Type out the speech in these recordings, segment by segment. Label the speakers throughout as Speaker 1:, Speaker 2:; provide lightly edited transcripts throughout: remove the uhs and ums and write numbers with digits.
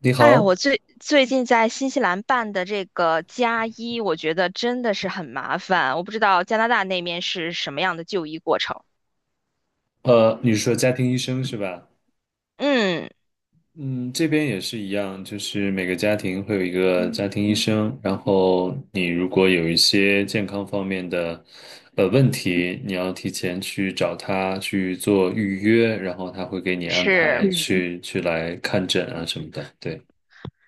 Speaker 1: 你
Speaker 2: 哎，
Speaker 1: 好，
Speaker 2: 我最近在新西兰办的这个加一，我觉得真的是很麻烦。我不知道加拿大那边是什么样的就医过程。
Speaker 1: 你是说家庭医生是吧？
Speaker 2: 嗯，
Speaker 1: 嗯，这边也是一样，就是每个家庭会有一个家庭医生，然后你如果有一些健康方面的问题，你要提前去找他去做预约，然后他会给你安排
Speaker 2: 是。
Speaker 1: 去来看诊啊什么的。对，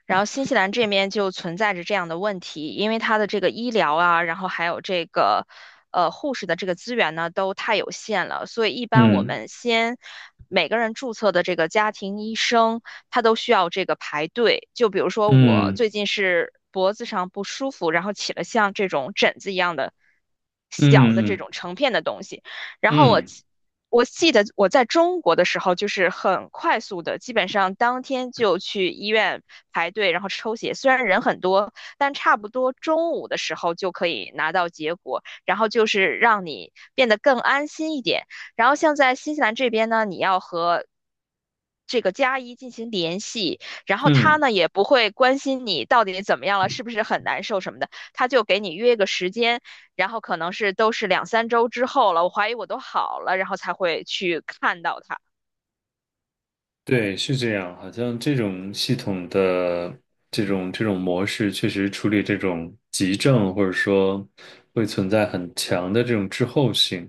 Speaker 2: 然后新西兰这边就存在着这样的问题，因为它的这个医疗啊，然后还有这个护士的这个资源呢，都太有限了，所以一般我们先每个人注册的这个家庭医生，他都需要这个排队。就比如说我
Speaker 1: 嗯
Speaker 2: 最近是脖子上不舒服，然后起了像这种疹子一样的小的
Speaker 1: 嗯
Speaker 2: 这
Speaker 1: 嗯
Speaker 2: 种成片的东西。然后
Speaker 1: 嗯
Speaker 2: 我
Speaker 1: 嗯嗯。
Speaker 2: 记我记得我在中国的时候，就是很快速的，基本上当天就去医院排队，然后抽血。虽然人很多，但差不多中午的时候就可以拿到结果，然后就是让你变得更安心一点。然后像在新西兰这边呢，你要和这个加一进行联系，然后他
Speaker 1: 嗯
Speaker 2: 呢也不会关心你到底怎么样了，是不是很难受什么的，他就给你约个时间。然后可能是都是2 3周之后了，我怀疑我都好了，然后才会去看到它。
Speaker 1: 对，是这样，好像这种系统的这种模式，确实处理这种急症，或者说会存在很强的这种滞后性。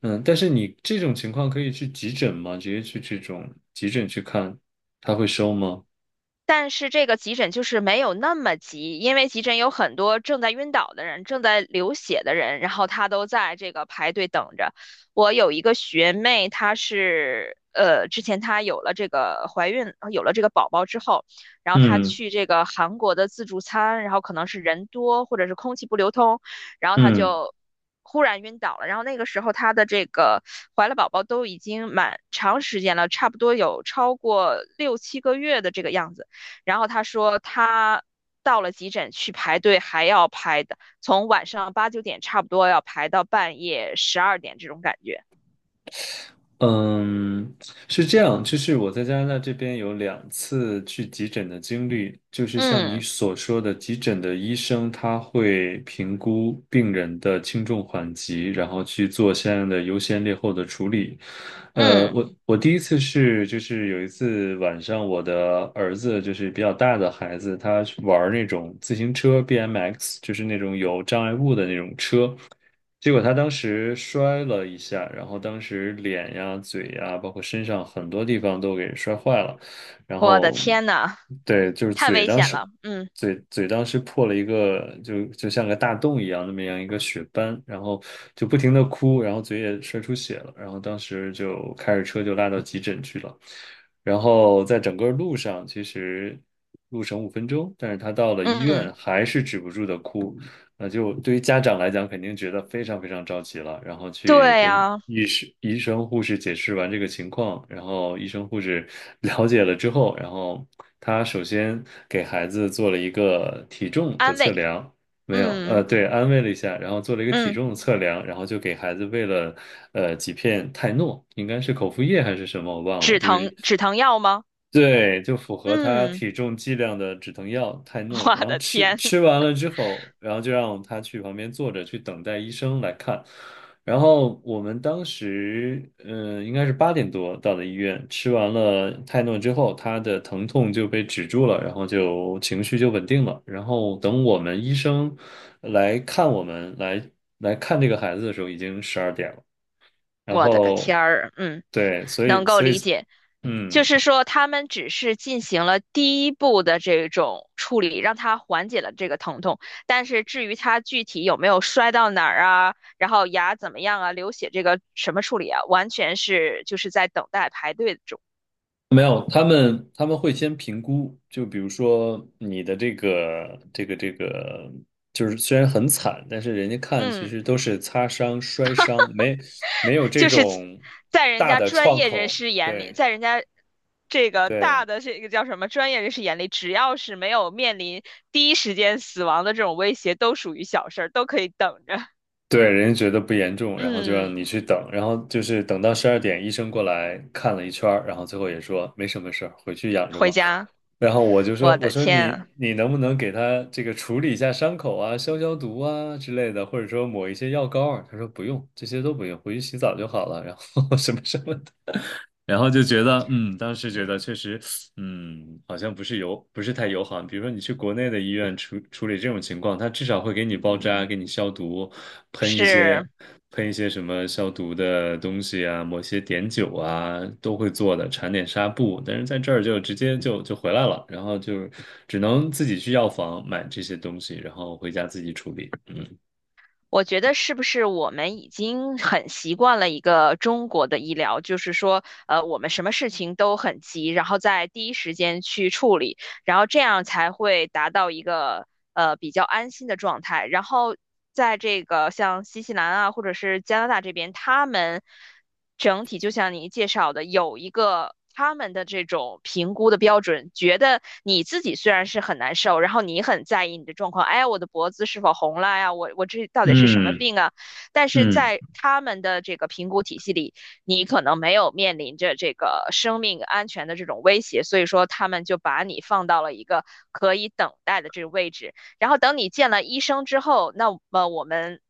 Speaker 1: 但是你这种情况可以去急诊吗？直接去这种急诊去看，他会收吗？
Speaker 2: 但是这个急诊就是没有那么急，因为急诊有很多正在晕倒的人、正在流血的人，然后他都在这个排队等着。我有一个学妹，她是之前她有了这个怀孕，有了这个宝宝之后，然后她
Speaker 1: 嗯
Speaker 2: 去这个韩国的自助餐，然后可能是人多或者是空气不流通，然后她
Speaker 1: 嗯。
Speaker 2: 就忽然晕倒了。然后那个时候她的这个怀了宝宝都已经蛮长时间了，差不多有超过6 7个月的这个样子。然后他说他到了急诊去排队，还要排的，从晚上8 9点差不多要排到半夜12点这种感觉。
Speaker 1: 嗯，是这样，就是我在加拿大这边有2次去急诊的经历，就是像你
Speaker 2: 嗯
Speaker 1: 所说的，急诊的医生他会评估病人的轻重缓急，然后去做相应的优先劣后的处理。
Speaker 2: 嗯，
Speaker 1: 我第一次是就是有一次晚上，我的儿子就是比较大的孩子，他玩儿那种自行车 BMX，就是那种有障碍物的那种车。结果他当时摔了一下，然后当时脸呀、嘴呀，包括身上很多地方都给摔坏了。然
Speaker 2: 我的
Speaker 1: 后，
Speaker 2: 天呐，
Speaker 1: 对，就是
Speaker 2: 太
Speaker 1: 嘴
Speaker 2: 危
Speaker 1: 当
Speaker 2: 险
Speaker 1: 时，
Speaker 2: 了。嗯
Speaker 1: 嘴当时破了一个，就像个大洞一样，那么样一个血斑，然后就不停的哭，然后嘴也摔出血了。然后当时就开着车就拉到急诊去了。然后在整个路上，其实路程5分钟，但是他到了医院
Speaker 2: 嗯，
Speaker 1: 还是止不住的哭。那就对于家长来讲，肯定觉得非常非常着急了，然后去
Speaker 2: 对
Speaker 1: 跟
Speaker 2: 呀，
Speaker 1: 医生、护士解释完这个情况，然后医生、护士 了解了之后，然后他首先给孩子做了一个体重的
Speaker 2: 安
Speaker 1: 测
Speaker 2: 慰。
Speaker 1: 量，没有，
Speaker 2: 嗯
Speaker 1: 对，安慰了一下，然后做了一个体
Speaker 2: 嗯，
Speaker 1: 重的测量，然后就给孩子喂了几片泰诺，应该是口服液还是什么，我忘了，
Speaker 2: 止
Speaker 1: 就
Speaker 2: 疼
Speaker 1: 是
Speaker 2: 止疼药吗？
Speaker 1: 对，就符合他
Speaker 2: 嗯，
Speaker 1: 体重剂量的止疼药泰诺，
Speaker 2: 我
Speaker 1: 然后
Speaker 2: 的
Speaker 1: 吃
Speaker 2: 天。
Speaker 1: 吃完了之后，然后就让他去旁边坐着去等待医生来看。然后我们当时，应该是8点多到的医院，吃完了泰诺之后，他的疼痛就被止住了，然后就情绪就稳定了。然后等我们医生来看我们来看这个孩子的时候，已经十二点了。然
Speaker 2: 我的个
Speaker 1: 后，
Speaker 2: 天儿，嗯，
Speaker 1: 对，所
Speaker 2: 能
Speaker 1: 以
Speaker 2: 够
Speaker 1: 所以，
Speaker 2: 理解，就
Speaker 1: 嗯。
Speaker 2: 是说他们只是进行了第一步的这种处理，让他缓解了这个疼痛，但是至于他具体有没有摔到哪儿啊，然后牙怎么样啊，流血这个什么处理啊，完全是就是在等待排队中，
Speaker 1: 没有，他们会先评估，就比如说你的这个，就是虽然很惨，但是人家看其
Speaker 2: 嗯。
Speaker 1: 实都是擦伤、摔伤，没有这
Speaker 2: 就是
Speaker 1: 种
Speaker 2: 在人
Speaker 1: 大
Speaker 2: 家
Speaker 1: 的
Speaker 2: 专
Speaker 1: 创
Speaker 2: 业人
Speaker 1: 口。
Speaker 2: 士眼里，
Speaker 1: 对
Speaker 2: 在人家这个
Speaker 1: 对，
Speaker 2: 大的这个叫什么专业人士眼里，只要是没有面临第一时间死亡的这种威胁，都属于小事儿，都可以等着。
Speaker 1: 对，人家觉得不严重，然后就让
Speaker 2: 嗯，
Speaker 1: 你去等，然后就是等到十二点，医生过来看了一圈儿，然后最后也说没什么事儿，回去养着
Speaker 2: 回
Speaker 1: 吧。
Speaker 2: 家，
Speaker 1: 然后我就说，
Speaker 2: 我
Speaker 1: 我
Speaker 2: 的
Speaker 1: 说
Speaker 2: 天
Speaker 1: 你
Speaker 2: 啊，
Speaker 1: 你能不能给他这个处理一下伤口啊，消毒啊之类的，或者说抹一些药膏啊？他说不用，这些都不用，回去洗澡就好了，然后 什么什么的。然后就觉得，当时觉得确实，好像不是友，不是太友好。比如说你去国内的医院处理这种情况，他至少会给你包扎、给你消毒，喷一些
Speaker 2: 是。
Speaker 1: 喷一些什么消毒的东西啊，抹些碘酒啊，都会做的，缠点纱布。但是在这儿就直接就回来了，然后就只能自己去药房买这些东西，然后回家自己处理。嗯
Speaker 2: 我觉得是不是我们已经很习惯了一个中国的医疗，就是说，我们什么事情都很急，然后在第一时间去处理，然后这样才会达到一个比较安心的状态。然后在这个像新西兰啊，或者是加拿大这边，他们整体就像你介绍的，有一个他们的这种评估的标准，觉得你自己虽然是很难受，然后你很在意你的状况，哎，我的脖子是否红了呀？我这到底是什么
Speaker 1: 嗯
Speaker 2: 病啊？但是
Speaker 1: 嗯
Speaker 2: 在他们的这个评估体系里，你可能没有面临着这个生命安全的这种威胁，所以说他们就把你放到了一个可以等待的这个位置。然后等你见了医生之后，那么我们。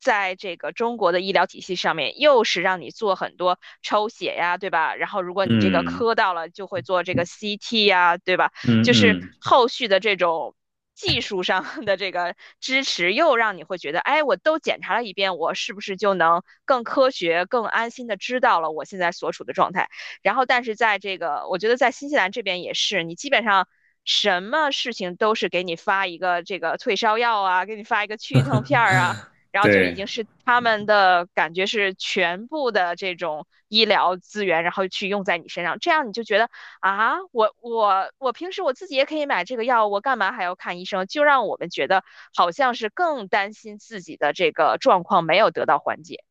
Speaker 2: 在这个中国的医疗体系上面，又是让你做很多抽血呀，对吧？然后如果你这个
Speaker 1: 嗯
Speaker 2: 磕到了，就会做这个 CT 呀，对吧？
Speaker 1: 嗯
Speaker 2: 就是
Speaker 1: 嗯，
Speaker 2: 后续的这种技术上 的这个支持，又让你会觉得，哎，我都检查了一遍，我是不是就能更科学、更安心的知道了我现在所处的状态？然后，但是在这个，我觉得在新西兰这边也是，你基本上。什么事情都是给你发一个这个退烧药啊，给你发一个去痛片儿啊，然后就已
Speaker 1: 对。
Speaker 2: 经是他们的感觉是全部的这种医疗资源，然后去用在你身上，这样你就觉得啊，我平时我自己也可以买这个药，我干嘛还要看医生？就让我们觉得好像是更担心自己的这个状况没有得到缓解，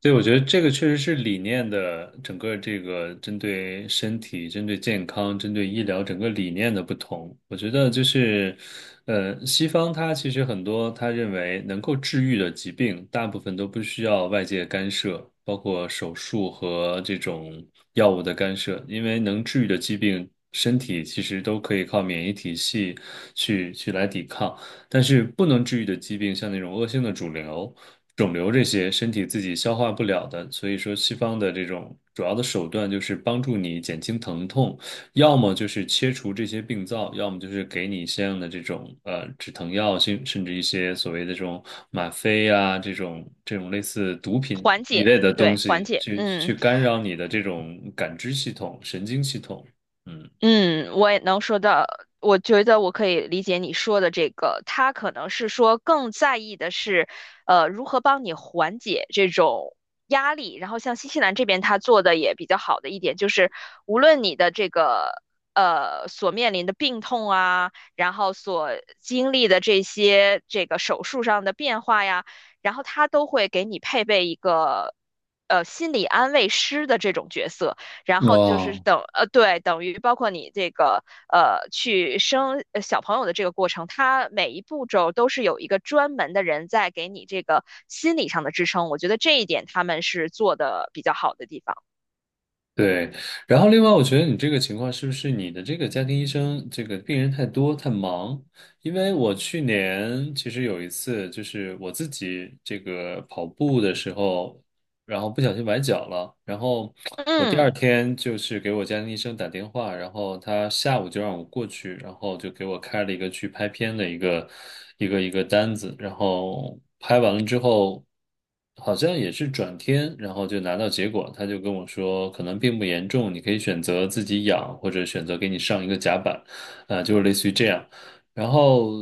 Speaker 1: 对，我觉得这个确实是理念的整个这个针对身体、针对健康、针对医疗整个理念的不同。我觉得就是，西方它其实很多他认为能够治愈的疾病，大部分都不需要外界干涉，包括手术和这种药物的干涉，因为能治愈的疾病，身体其实都可以靠免疫体系去来抵抗。但是不能治愈的疾病，像那种恶性的肿瘤这些，身体自己消化不了的，所以说西方的这种主要的手段就是帮助你减轻疼痛，要么就是切除这些病灶，要么就是给你相应的这种止疼药，甚至一些所谓的这种吗啡啊，这种类似毒品
Speaker 2: 缓
Speaker 1: 一
Speaker 2: 解，
Speaker 1: 类的东
Speaker 2: 对，缓
Speaker 1: 西，
Speaker 2: 解，
Speaker 1: 去
Speaker 2: 嗯。
Speaker 1: 干扰你的这种感知系统、神经系统，嗯。
Speaker 2: 嗯，我也能说到，我觉得我可以理解你说的这个，他可能是说更在意的是，如何帮你缓解这种压力。然后像新西兰这边，他做的也比较好的一点就是，无论你的这个所面临的病痛啊，然后所经历的这些这个手术上的变化呀，然后他都会给你配备一个心理安慰师的这种角色。然后就是
Speaker 1: 哦，
Speaker 2: 等对，等于包括你这个去生小朋友的这个过程，它每一步骤都是有一个专门的人在给你这个心理上的支撑。我觉得这一点他们是做的比较好的地方。
Speaker 1: 对，然后另外，我觉得你这个情况是不是你的这个家庭医生这个病人太多太忙？因为我去年其实有一次，就是我自己这个跑步的时候，然后不小心崴脚了，然后我第二
Speaker 2: 嗯，
Speaker 1: 天就是给我家庭医生打电话，然后他下午就让我过去，然后就给我开了一个去拍片的一个单子，然后拍完了之后，好像也是转天，然后就拿到结果，他就跟我说可能并不严重，你可以选择自己养，或者选择给你上一个夹板，啊、就是类似于这样。然后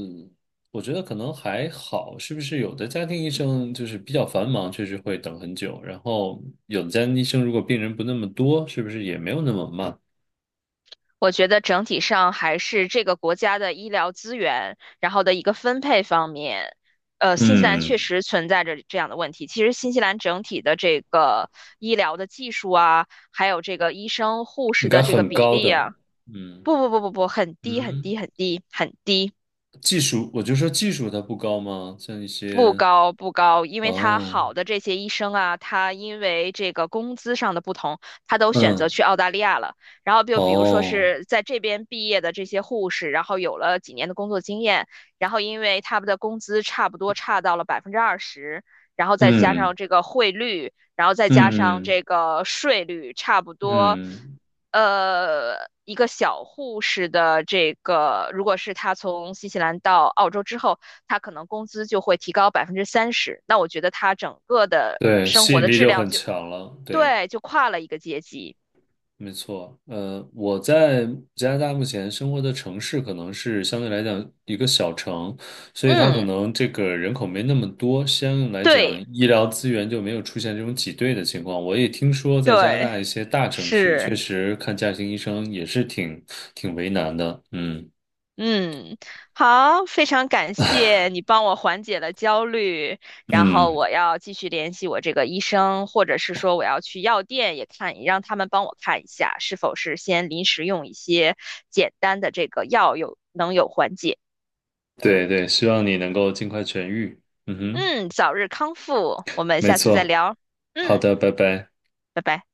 Speaker 1: 我觉得可能还好，是不是有的家庭医生就是比较繁忙，确实会等很久。然后有的家庭医生如果病人不那么多，是不是也没有那么慢？
Speaker 2: 我觉得整体上还是这个国家的医疗资源，然后的一个分配方面。新西兰确
Speaker 1: 嗯，
Speaker 2: 实存在着这样的问题。其实，新西兰整体的这个医疗的技术啊，还有这个医生、护
Speaker 1: 应
Speaker 2: 士
Speaker 1: 该
Speaker 2: 的这个
Speaker 1: 很
Speaker 2: 比
Speaker 1: 高
Speaker 2: 例
Speaker 1: 的。
Speaker 2: 啊，
Speaker 1: 嗯
Speaker 2: 不不不不不，很低很
Speaker 1: 嗯，
Speaker 2: 低很低很低，
Speaker 1: 技术，我就说技术它不高吗？像一
Speaker 2: 不
Speaker 1: 些
Speaker 2: 高不高，因为他
Speaker 1: 哦，
Speaker 2: 好的这些医生啊，他因为这个工资上的不同，他都选择
Speaker 1: 嗯
Speaker 2: 去澳大利亚了。然后就比如说
Speaker 1: 哦，
Speaker 2: 是在这边毕业的这些护士，然后有了几年的工作经验，然后因为他们的工资差不多差到了20%，然后再加
Speaker 1: 嗯
Speaker 2: 上这个汇率，然后再
Speaker 1: 嗯
Speaker 2: 加上
Speaker 1: 嗯
Speaker 2: 这个税率差不多，
Speaker 1: 嗯
Speaker 2: 一个小护士的这个，如果是他从新西兰到澳洲之后，他可能工资就会提高30%，那我觉得他整个的
Speaker 1: 对，
Speaker 2: 生
Speaker 1: 吸
Speaker 2: 活
Speaker 1: 引
Speaker 2: 的
Speaker 1: 力
Speaker 2: 质
Speaker 1: 就
Speaker 2: 量
Speaker 1: 很
Speaker 2: 就，
Speaker 1: 强了。对。
Speaker 2: 对，就跨了一个阶级。
Speaker 1: 没错，我在加拿大目前生活的城市可能是相对来讲一个小城，所以它可
Speaker 2: 嗯，
Speaker 1: 能这个人口没那么多，相应来讲
Speaker 2: 对
Speaker 1: 医疗资源就没有出现这种挤兑的情况。我也听说在加拿
Speaker 2: 对，
Speaker 1: 大一些大城市，确
Speaker 2: 是。
Speaker 1: 实看家庭医生也是挺为难的。嗯
Speaker 2: 嗯，好，非常感谢你帮我缓解了焦虑，然后
Speaker 1: 嗯，
Speaker 2: 我要继续联系我这个医生，或者是说我要去药店也看，让他们帮我看一下，是否是先临时用一些简单的这个药有能有缓解。
Speaker 1: 对对，希望你能够尽快痊愈。嗯哼，
Speaker 2: 嗯，早日康复，我们
Speaker 1: 没
Speaker 2: 下次再
Speaker 1: 错。
Speaker 2: 聊。
Speaker 1: 好
Speaker 2: 嗯，
Speaker 1: 的，拜拜。
Speaker 2: 拜拜。